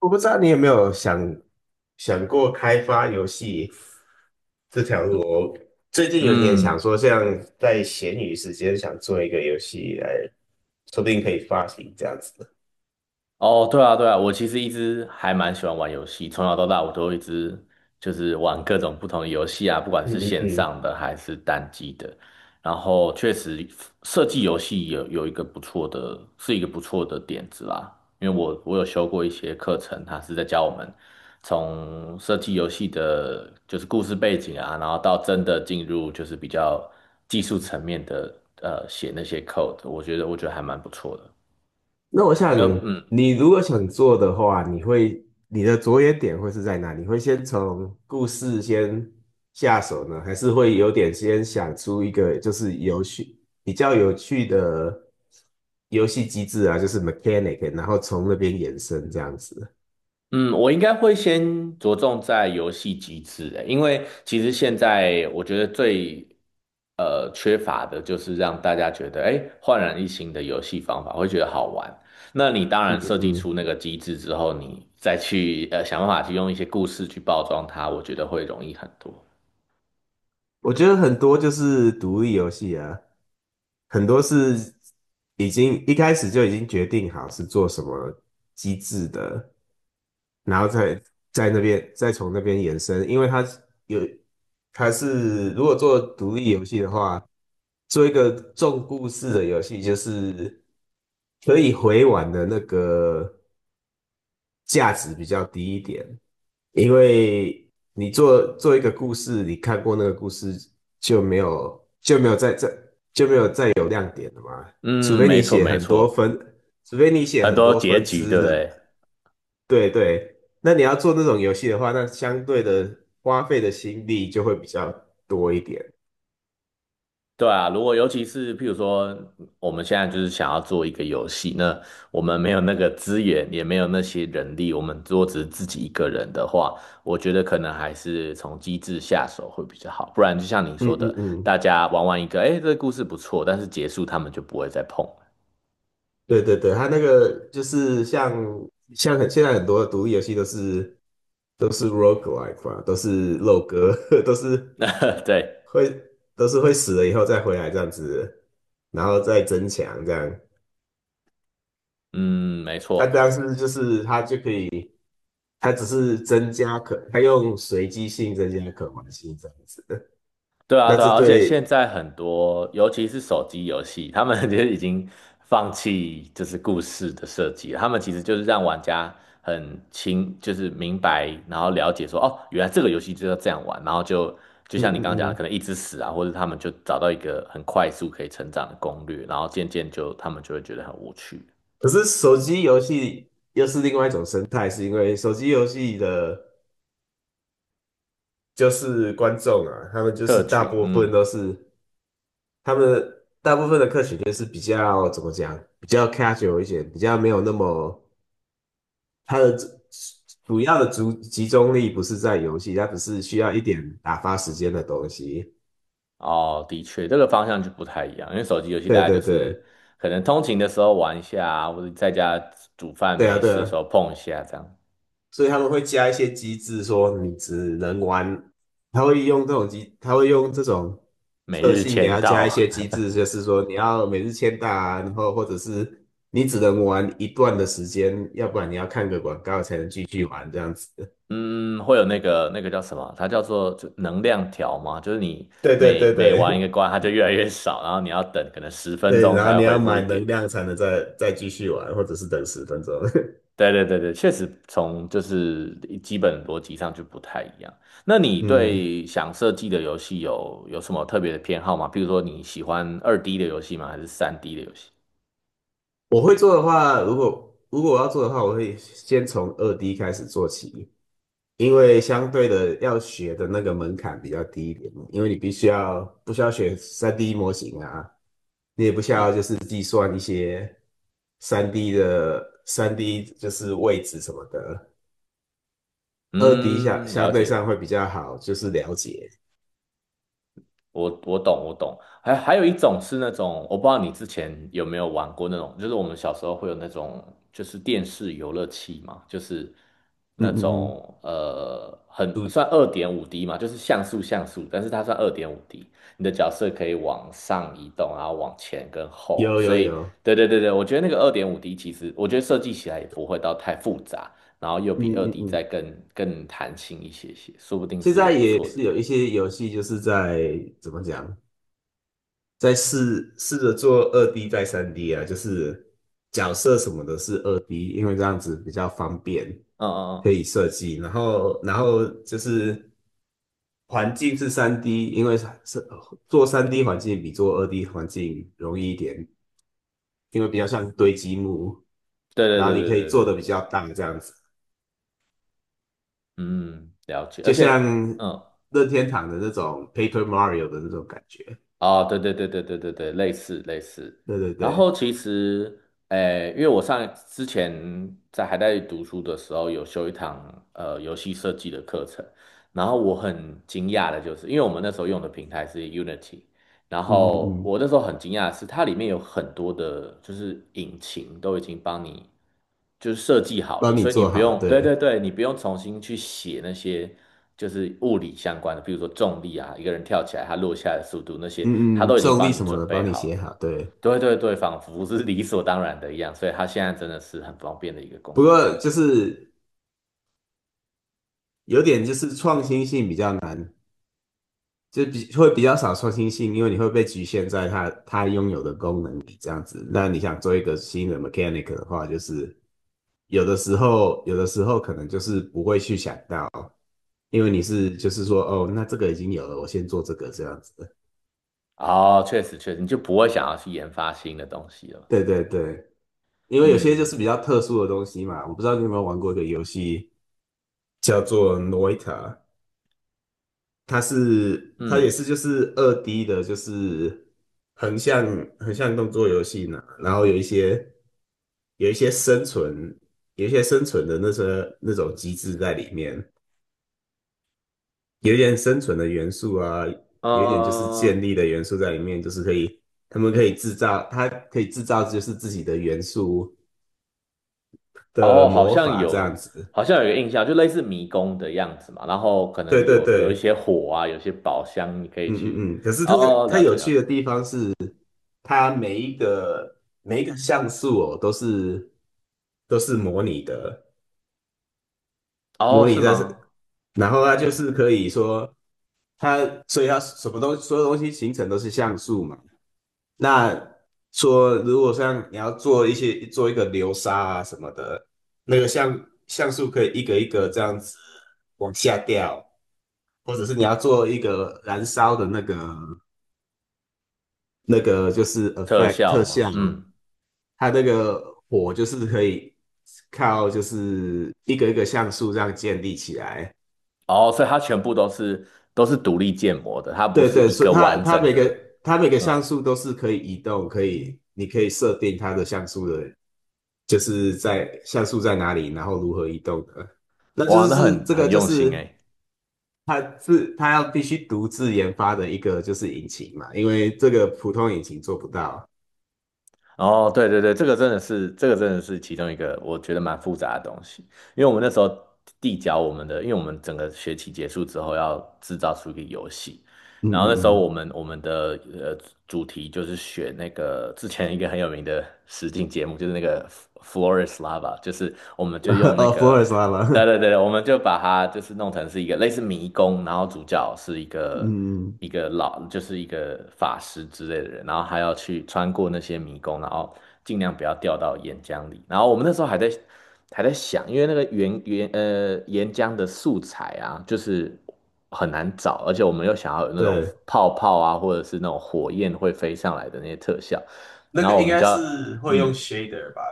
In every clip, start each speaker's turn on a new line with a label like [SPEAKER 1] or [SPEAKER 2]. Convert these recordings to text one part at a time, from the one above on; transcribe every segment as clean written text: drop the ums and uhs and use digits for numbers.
[SPEAKER 1] 我不知道你有没有想过开发游戏这条路哦。我最近有点想
[SPEAKER 2] 嗯，
[SPEAKER 1] 说，像在闲余时间想做一个游戏来，说不定可以发行这样子的。
[SPEAKER 2] 哦，对啊，对啊，我其实一直还蛮喜欢玩游戏，从小到大我都一直就是玩各种不同的游戏啊，不管
[SPEAKER 1] 嗯
[SPEAKER 2] 是
[SPEAKER 1] 嗯
[SPEAKER 2] 线
[SPEAKER 1] 嗯。
[SPEAKER 2] 上的还是单机的。然后确实设计游戏有一个不错的，是一个不错的点子啦，因为我有修过一些课程，他是在教我们从设计游戏的，就是故事背景啊，然后到真的进入就是比较技术层面的，写那些 code，我觉得还蛮不错的。
[SPEAKER 1] 那我
[SPEAKER 2] 因为
[SPEAKER 1] 想，
[SPEAKER 2] 嗯。
[SPEAKER 1] 你如果想做的话，你的着眼点会是在哪？你会先从故事先下手呢，还是会有点先想出一个就是比较有趣的游戏机制啊，就是 mechanic，然后从那边延伸这样子？
[SPEAKER 2] 嗯，我应该会先着重在游戏机制欸，因为其实现在我觉得最缺乏的就是让大家觉得哎焕然一新的游戏方法，会觉得好玩。那你当
[SPEAKER 1] 嗯
[SPEAKER 2] 然设计
[SPEAKER 1] 嗯。
[SPEAKER 2] 出那个机制之后，你再去想办法去用一些故事去包装它，我觉得会容易很多。
[SPEAKER 1] 我觉得很多就是独立游戏啊，很多是已经一开始就已经决定好是做什么机制的，然后在那边从那边延伸，因为它有它是如果做独立游戏的话，做一个重故事的游戏，就是可以回玩的那个价值比较低一点，因为你做一个故事，你看过那个故事就没有在这，除
[SPEAKER 2] 嗯，
[SPEAKER 1] 非
[SPEAKER 2] 没
[SPEAKER 1] 你
[SPEAKER 2] 错
[SPEAKER 1] 写
[SPEAKER 2] 没
[SPEAKER 1] 很多
[SPEAKER 2] 错，
[SPEAKER 1] 分，除非你写
[SPEAKER 2] 很
[SPEAKER 1] 很
[SPEAKER 2] 多
[SPEAKER 1] 多
[SPEAKER 2] 结
[SPEAKER 1] 分
[SPEAKER 2] 局，
[SPEAKER 1] 支
[SPEAKER 2] 对不
[SPEAKER 1] 的。
[SPEAKER 2] 对？
[SPEAKER 1] 对对。那你要做那种游戏的话，那相对的花费的心力就会比较多一点。
[SPEAKER 2] 对啊，如果尤其是譬如说，我们现在就是想要做一个游戏，那我们没有那个资源，也没有那些人力，我们如果只是自己一个人的话，我觉得可能还是从机制下手会比较好。不然就像你
[SPEAKER 1] 嗯
[SPEAKER 2] 说
[SPEAKER 1] 嗯
[SPEAKER 2] 的，
[SPEAKER 1] 嗯，
[SPEAKER 2] 大家玩完一个，哎，这个故事不错，但是结束他们就不会再碰
[SPEAKER 1] 对对对，它那个就是像现在很多的独立游戏都是roguelike 嘛，都是肉鸽，都是
[SPEAKER 2] 了。对，
[SPEAKER 1] 会都是会死了以后再回来这样子，然后再增强这样。
[SPEAKER 2] 嗯，没
[SPEAKER 1] 它
[SPEAKER 2] 错。
[SPEAKER 1] 当是就是它就可以，它用随机性增加可玩性这样子。
[SPEAKER 2] 对啊，
[SPEAKER 1] 那
[SPEAKER 2] 对
[SPEAKER 1] 这
[SPEAKER 2] 啊，而且现
[SPEAKER 1] 对，
[SPEAKER 2] 在很多，尤其是手机游戏，他们 其实已经放弃就是故事的设计了他们其实就是让玩家就是明白，然后了解说，哦，原来这个游戏就要这样玩，然后就就
[SPEAKER 1] 嗯
[SPEAKER 2] 像你刚刚讲
[SPEAKER 1] 嗯
[SPEAKER 2] 的，可
[SPEAKER 1] 嗯。
[SPEAKER 2] 能一直死啊，或者他们就找到一个很快速可以成长的攻略，然后渐渐就他们就会觉得很无趣。
[SPEAKER 1] 可是手机游戏又是另外一种生态，是因为手机游戏的就是观众啊，他们就是
[SPEAKER 2] 客
[SPEAKER 1] 大
[SPEAKER 2] 群，
[SPEAKER 1] 部分
[SPEAKER 2] 嗯。
[SPEAKER 1] 都是他们大部分的客群就是比较怎么讲，比较 casual 一些，比较没有那么。它的主要的集中力不是在游戏，它只是需要一点打发时间的东西。
[SPEAKER 2] 哦，的确，这个方向就不太一样，因为手机游戏大
[SPEAKER 1] 对
[SPEAKER 2] 家
[SPEAKER 1] 对
[SPEAKER 2] 就
[SPEAKER 1] 对，
[SPEAKER 2] 是可能通勤的时候玩一下啊或者在家煮饭
[SPEAKER 1] 对啊
[SPEAKER 2] 没
[SPEAKER 1] 对
[SPEAKER 2] 事的
[SPEAKER 1] 啊，
[SPEAKER 2] 时候碰一下，这样。
[SPEAKER 1] 所以他们会加一些机制，说你只能玩，他会用这种
[SPEAKER 2] 每
[SPEAKER 1] 特
[SPEAKER 2] 日
[SPEAKER 1] 性给
[SPEAKER 2] 签
[SPEAKER 1] 他加一
[SPEAKER 2] 到，
[SPEAKER 1] 些机 制，就是说你要每日签到啊，然后或者是你只能玩一段的时间，要不然你要看个广告才能继续玩这样子。
[SPEAKER 2] 嗯，会有那个叫什么？它叫做就能量条嘛，就是你
[SPEAKER 1] 对对
[SPEAKER 2] 每
[SPEAKER 1] 对
[SPEAKER 2] 每玩一
[SPEAKER 1] 对。
[SPEAKER 2] 个 关，它就越来越少，然后你要等可能十分
[SPEAKER 1] 对，
[SPEAKER 2] 钟
[SPEAKER 1] 然后
[SPEAKER 2] 才
[SPEAKER 1] 你
[SPEAKER 2] 会
[SPEAKER 1] 要
[SPEAKER 2] 恢复
[SPEAKER 1] 买
[SPEAKER 2] 一
[SPEAKER 1] 能
[SPEAKER 2] 点。
[SPEAKER 1] 量才能再继续玩，或者是等十分钟。
[SPEAKER 2] 对对对对，确实从就是基本逻辑上就不太一样。那你
[SPEAKER 1] 嗯，
[SPEAKER 2] 对想设计的游戏有什么特别的偏好吗？比如说你喜欢二 D 的游戏吗？还是三 D 的游戏？
[SPEAKER 1] 我会做的话，如果如果我要做的话，我会先从二 D 开始做起，因为相对的要学的那个门槛比较低一点嘛。因为你必须要不需要学三 D 模型啊，你也不需要
[SPEAKER 2] 嗯
[SPEAKER 1] 就是计算一些三 D 就是位置什么的，二 D
[SPEAKER 2] 嗯，
[SPEAKER 1] 相
[SPEAKER 2] 了
[SPEAKER 1] 对上
[SPEAKER 2] 解。
[SPEAKER 1] 会比较好，就是了解。
[SPEAKER 2] 我懂我懂，还有一种是那种，我不知道你之前有没有玩过那种，就是我们小时候会有那种，就是电视游乐器嘛，就是
[SPEAKER 1] 嗯
[SPEAKER 2] 那
[SPEAKER 1] 嗯嗯，
[SPEAKER 2] 种很
[SPEAKER 1] 对
[SPEAKER 2] 算二点五 D 嘛，就是像素，但是它算二点五 D，你的角色可以往上移动，然后往前跟后，
[SPEAKER 1] 有
[SPEAKER 2] 所
[SPEAKER 1] 有
[SPEAKER 2] 以
[SPEAKER 1] 有，
[SPEAKER 2] 对对对对，我觉得那个二点五 D 其实我觉得设计起来也不会到太复杂，然后又
[SPEAKER 1] 嗯
[SPEAKER 2] 比二
[SPEAKER 1] 嗯
[SPEAKER 2] D 再
[SPEAKER 1] 嗯，
[SPEAKER 2] 更弹性一些些，说不定
[SPEAKER 1] 现
[SPEAKER 2] 是个
[SPEAKER 1] 在
[SPEAKER 2] 不
[SPEAKER 1] 也
[SPEAKER 2] 错的
[SPEAKER 1] 是
[SPEAKER 2] 点。
[SPEAKER 1] 有一些游戏就是在怎么讲？再试试着做二 D 再三 D 啊，就是角色什么的是二 D，因为这样子比较方便，
[SPEAKER 2] 嗯嗯
[SPEAKER 1] 可
[SPEAKER 2] 嗯。
[SPEAKER 1] 以设计。然后，就是环境是三 D，因为是做三 D 环境比做二 D 环境容易一点，因为比较像堆积木，
[SPEAKER 2] 对对
[SPEAKER 1] 然后
[SPEAKER 2] 对
[SPEAKER 1] 你
[SPEAKER 2] 对
[SPEAKER 1] 可以
[SPEAKER 2] 对对
[SPEAKER 1] 做的
[SPEAKER 2] 对，
[SPEAKER 1] 比较大这样子，
[SPEAKER 2] 嗯，了解。
[SPEAKER 1] 就
[SPEAKER 2] 而且，
[SPEAKER 1] 像
[SPEAKER 2] 嗯，
[SPEAKER 1] 任天堂的那种 Paper Mario 的那种感觉。
[SPEAKER 2] 啊，对对对对对对对，类似类似。
[SPEAKER 1] 对对
[SPEAKER 2] 然
[SPEAKER 1] 对，
[SPEAKER 2] 后其实，诶，因为我上之前在还在读书的时候，有修一堂游戏设计的课程，然后我很惊讶的就是，因为我们那时候用的平台是 Unity，然
[SPEAKER 1] 嗯嗯
[SPEAKER 2] 后
[SPEAKER 1] 嗯，
[SPEAKER 2] 我那时候很惊讶的是，它里面有很多的，就是引擎都已经帮你就是设计好
[SPEAKER 1] 帮
[SPEAKER 2] 了，
[SPEAKER 1] 你
[SPEAKER 2] 所以你
[SPEAKER 1] 做
[SPEAKER 2] 不
[SPEAKER 1] 好，
[SPEAKER 2] 用，对对
[SPEAKER 1] 对。
[SPEAKER 2] 对，你不用重新去写那些就是物理相关的，比如说重力啊，一个人跳起来，他落下来的速度那些，它
[SPEAKER 1] 嗯嗯，
[SPEAKER 2] 都已经
[SPEAKER 1] 重力
[SPEAKER 2] 帮你
[SPEAKER 1] 什么
[SPEAKER 2] 准
[SPEAKER 1] 的帮
[SPEAKER 2] 备
[SPEAKER 1] 你
[SPEAKER 2] 好
[SPEAKER 1] 写
[SPEAKER 2] 了。
[SPEAKER 1] 好，对。
[SPEAKER 2] 对对对，仿佛是理所当然的一样，所以它现在真的是很方便的一个工
[SPEAKER 1] 不
[SPEAKER 2] 具。
[SPEAKER 1] 过就是有点就是创新性比较难，就会比较少创新性，因为你会被局限在它拥有的功能里这样子。那你想做一个新的 mechanic 的话，就是有的时候可能就是不会去想到，因为就是说哦，那这个已经有了，我先做这个这样子。
[SPEAKER 2] 哦，确实确实，你就不会想要去研发新的东西了。
[SPEAKER 1] 对对对，因为有些就
[SPEAKER 2] 嗯
[SPEAKER 1] 是比较特殊的东西嘛，我不知道你有没有玩过一个游戏叫做 Noita。它
[SPEAKER 2] 嗯，
[SPEAKER 1] 也
[SPEAKER 2] 嗯。
[SPEAKER 1] 是就是二 D 的，就是横向横向动作游戏呢，然后有一些生存，有一些生存的那种机制在里面，有一点生存的元素啊，有一点就是
[SPEAKER 2] 嗯
[SPEAKER 1] 建
[SPEAKER 2] 嗯
[SPEAKER 1] 立的元素在里面，就是可以他们可以制造，它可以制造就是自己的元素的
[SPEAKER 2] 哦，好
[SPEAKER 1] 魔
[SPEAKER 2] 像
[SPEAKER 1] 法这样
[SPEAKER 2] 有，
[SPEAKER 1] 子。
[SPEAKER 2] 好像有一个印象，就类似迷宫的样子嘛。然后可
[SPEAKER 1] 对
[SPEAKER 2] 能
[SPEAKER 1] 对
[SPEAKER 2] 有一
[SPEAKER 1] 对，
[SPEAKER 2] 些火啊，有些宝箱你可以
[SPEAKER 1] 嗯
[SPEAKER 2] 去。
[SPEAKER 1] 嗯嗯。可是它
[SPEAKER 2] 哦，
[SPEAKER 1] 它
[SPEAKER 2] 了
[SPEAKER 1] 有
[SPEAKER 2] 解了
[SPEAKER 1] 趣
[SPEAKER 2] 解。
[SPEAKER 1] 的地方是，它每一个每一个像素哦，都是模拟的，
[SPEAKER 2] 哦，
[SPEAKER 1] 模拟
[SPEAKER 2] 是
[SPEAKER 1] 在是，
[SPEAKER 2] 吗？
[SPEAKER 1] 然后它就是可以说它，所以它什么东所有东西形成都是像素嘛。那说如果像你要做一个流沙啊什么的，那个像像素可以一个一个这样子往下掉，或者是你要做一个燃烧的那个就是
[SPEAKER 2] 特
[SPEAKER 1] effect
[SPEAKER 2] 效
[SPEAKER 1] 特
[SPEAKER 2] 吗？
[SPEAKER 1] 效哦，
[SPEAKER 2] 嗯。
[SPEAKER 1] 它这个火就是可以靠就是一个一个像素这样建立起来。
[SPEAKER 2] 哦，所以它全部都是都是独立建模的，它不
[SPEAKER 1] 对
[SPEAKER 2] 是
[SPEAKER 1] 对，
[SPEAKER 2] 一
[SPEAKER 1] 所以
[SPEAKER 2] 个
[SPEAKER 1] 它
[SPEAKER 2] 完
[SPEAKER 1] 它
[SPEAKER 2] 整的。
[SPEAKER 1] 它每个像
[SPEAKER 2] 嗯，
[SPEAKER 1] 素都是可以移动，你可以设定它的像素的，就是像素在哪里，然后如何移动的。那就
[SPEAKER 2] 哇，
[SPEAKER 1] 是
[SPEAKER 2] 那很
[SPEAKER 1] 这个
[SPEAKER 2] 很
[SPEAKER 1] 就
[SPEAKER 2] 用心
[SPEAKER 1] 是
[SPEAKER 2] 哎。
[SPEAKER 1] 它要必须独自研发的一个就是引擎嘛，因为这个普通引擎做不到。
[SPEAKER 2] 哦，对对对，这个真的是其中一个我觉得蛮复杂的东西，因为我们那时候递交我们的，因为我们整个学期结束之后要制造出一个游戏。
[SPEAKER 1] 嗯
[SPEAKER 2] 然后那时候
[SPEAKER 1] 嗯
[SPEAKER 2] 我们的主题就是选那个之前一个很有名的实境节目，就是那个 Flores Lava，就是我们就
[SPEAKER 1] 嗯，
[SPEAKER 2] 用那
[SPEAKER 1] 福尔
[SPEAKER 2] 个，
[SPEAKER 1] 摩沙
[SPEAKER 2] 对
[SPEAKER 1] 嘛，
[SPEAKER 2] 对对，我们就把它就是弄成是一个类似迷宫，然后主角是一 个
[SPEAKER 1] 嗯，
[SPEAKER 2] 一个老就是一个法师之类的人，然后还要去穿过那些迷宫，然后尽量不要掉到岩浆里。然后我们那时候还在想，因为那个岩浆的素材啊，就是。很难找，而且我们又想要有那种
[SPEAKER 1] 对。
[SPEAKER 2] 泡泡啊，或者是那种火焰会飞上来的那些特效，
[SPEAKER 1] 那
[SPEAKER 2] 然
[SPEAKER 1] 个
[SPEAKER 2] 后我
[SPEAKER 1] 应
[SPEAKER 2] 们
[SPEAKER 1] 该
[SPEAKER 2] 就要，
[SPEAKER 1] 是会用
[SPEAKER 2] 嗯，
[SPEAKER 1] shader 吧，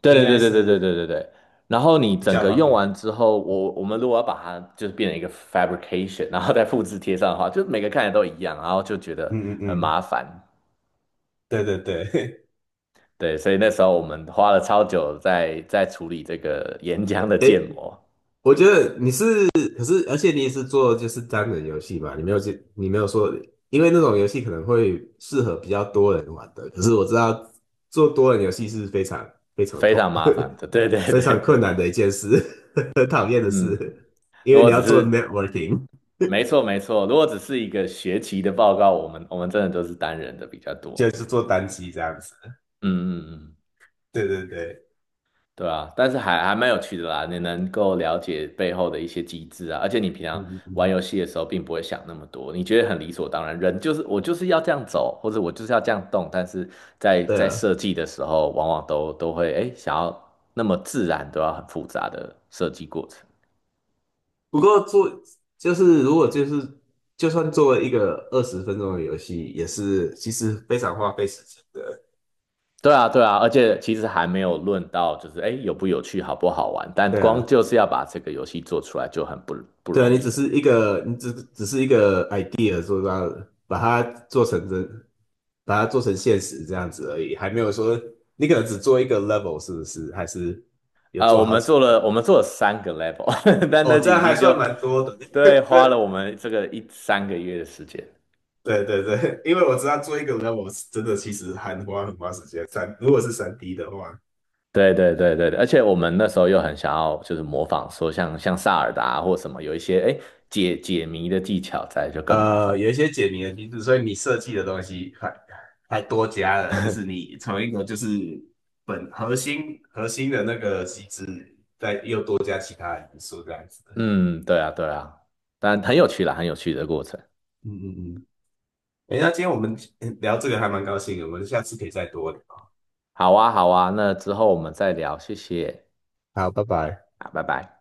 [SPEAKER 2] 对
[SPEAKER 1] 应
[SPEAKER 2] 对
[SPEAKER 1] 该
[SPEAKER 2] 对对对对
[SPEAKER 1] 是
[SPEAKER 2] 对对对，然后你
[SPEAKER 1] 比
[SPEAKER 2] 整
[SPEAKER 1] 较
[SPEAKER 2] 个
[SPEAKER 1] 方
[SPEAKER 2] 用
[SPEAKER 1] 便。
[SPEAKER 2] 完之后，我们如果要把它就是变成一个 fabrication，然后再复制贴上的话，就每个看起来都一样，然后就觉得
[SPEAKER 1] 嗯嗯
[SPEAKER 2] 很
[SPEAKER 1] 嗯，
[SPEAKER 2] 麻烦，
[SPEAKER 1] 对对对，
[SPEAKER 2] 对，所以那时候我们花了超久在处理这个岩浆 的建
[SPEAKER 1] 诶，
[SPEAKER 2] 模，
[SPEAKER 1] 我觉得你是，可是而且你也是做就是单人游戏嘛，你没有去，你没有说，因为那种游戏可能会适合比较多人玩的，可是我知道做多人游戏是非常非常
[SPEAKER 2] 非
[SPEAKER 1] 痛，
[SPEAKER 2] 常麻烦的，对对
[SPEAKER 1] 非
[SPEAKER 2] 对
[SPEAKER 1] 常困
[SPEAKER 2] 对，
[SPEAKER 1] 难的一件事，很讨厌的
[SPEAKER 2] 嗯。
[SPEAKER 1] 事，因
[SPEAKER 2] 如
[SPEAKER 1] 为你
[SPEAKER 2] 果
[SPEAKER 1] 要
[SPEAKER 2] 只
[SPEAKER 1] 做
[SPEAKER 2] 是
[SPEAKER 1] networking，
[SPEAKER 2] 没错没错。如果只是一个学期的报告，我们真的都是单人的比较
[SPEAKER 1] 就
[SPEAKER 2] 多。
[SPEAKER 1] 是做单机这样子。
[SPEAKER 2] 嗯嗯嗯，
[SPEAKER 1] 对对对，
[SPEAKER 2] 对啊，但是还蛮有趣的啦，你能够了解背后的一些机制啊，而且你平
[SPEAKER 1] 嗯
[SPEAKER 2] 常
[SPEAKER 1] 嗯
[SPEAKER 2] 玩
[SPEAKER 1] 嗯，
[SPEAKER 2] 游戏的时候并不会想那么多，你觉得很理所当然，人就是我就是要这样走，或者我就是要这样动，但是在
[SPEAKER 1] 对
[SPEAKER 2] 在
[SPEAKER 1] 啊，
[SPEAKER 2] 设计的时候，往往都会哎想要那么自然，都要很复杂的设计过程。
[SPEAKER 1] 不过做就是如果就是就算做了一个20分钟的游戏，也是其实非常花费时间的。
[SPEAKER 2] 对啊，对啊，而且其实还没有论到就是哎有不有趣、好不好玩，但
[SPEAKER 1] 对啊，
[SPEAKER 2] 光就是要把这个游戏做出来就很不
[SPEAKER 1] 对啊，
[SPEAKER 2] 容
[SPEAKER 1] 你
[SPEAKER 2] 易
[SPEAKER 1] 只是
[SPEAKER 2] 了。
[SPEAKER 1] 一个你只只是一个 idea， 做到把它做成真，把它做成现实这样子而已，还没有说你可能只做一个 level 是不是？还是有做
[SPEAKER 2] 我
[SPEAKER 1] 好
[SPEAKER 2] 们
[SPEAKER 1] 几
[SPEAKER 2] 做了我
[SPEAKER 1] 个？
[SPEAKER 2] 们做了三个 level，但
[SPEAKER 1] 哦，
[SPEAKER 2] 那
[SPEAKER 1] 这
[SPEAKER 2] 已
[SPEAKER 1] 样还
[SPEAKER 2] 经
[SPEAKER 1] 算
[SPEAKER 2] 就
[SPEAKER 1] 蛮多的。
[SPEAKER 2] 对 花
[SPEAKER 1] 对
[SPEAKER 2] 了我们这个一三个月的时间。
[SPEAKER 1] 对对对，因为我知道做一个 level 是真的其实很花很花时间，如果是三 D 的话。
[SPEAKER 2] 对对对对对，而且我们那时候又很想要就是模仿说像萨尔达啊或什么有一些哎解谜的技巧在就更麻烦。
[SPEAKER 1] 有一些解谜的机制，所以你设计的东西还多加了，就是你从一个就是本核心核心的那个机制，又多加其他的因素这样子的。
[SPEAKER 2] 嗯，对啊对啊，但很有趣啦，很有趣的过程。
[SPEAKER 1] 嗯嗯嗯。哎，那今天我们聊这个还蛮高兴的，我们下次可以再多聊。
[SPEAKER 2] 好啊好啊，那之后我们再聊，谢谢。
[SPEAKER 1] 好，拜拜。
[SPEAKER 2] 啊，拜拜。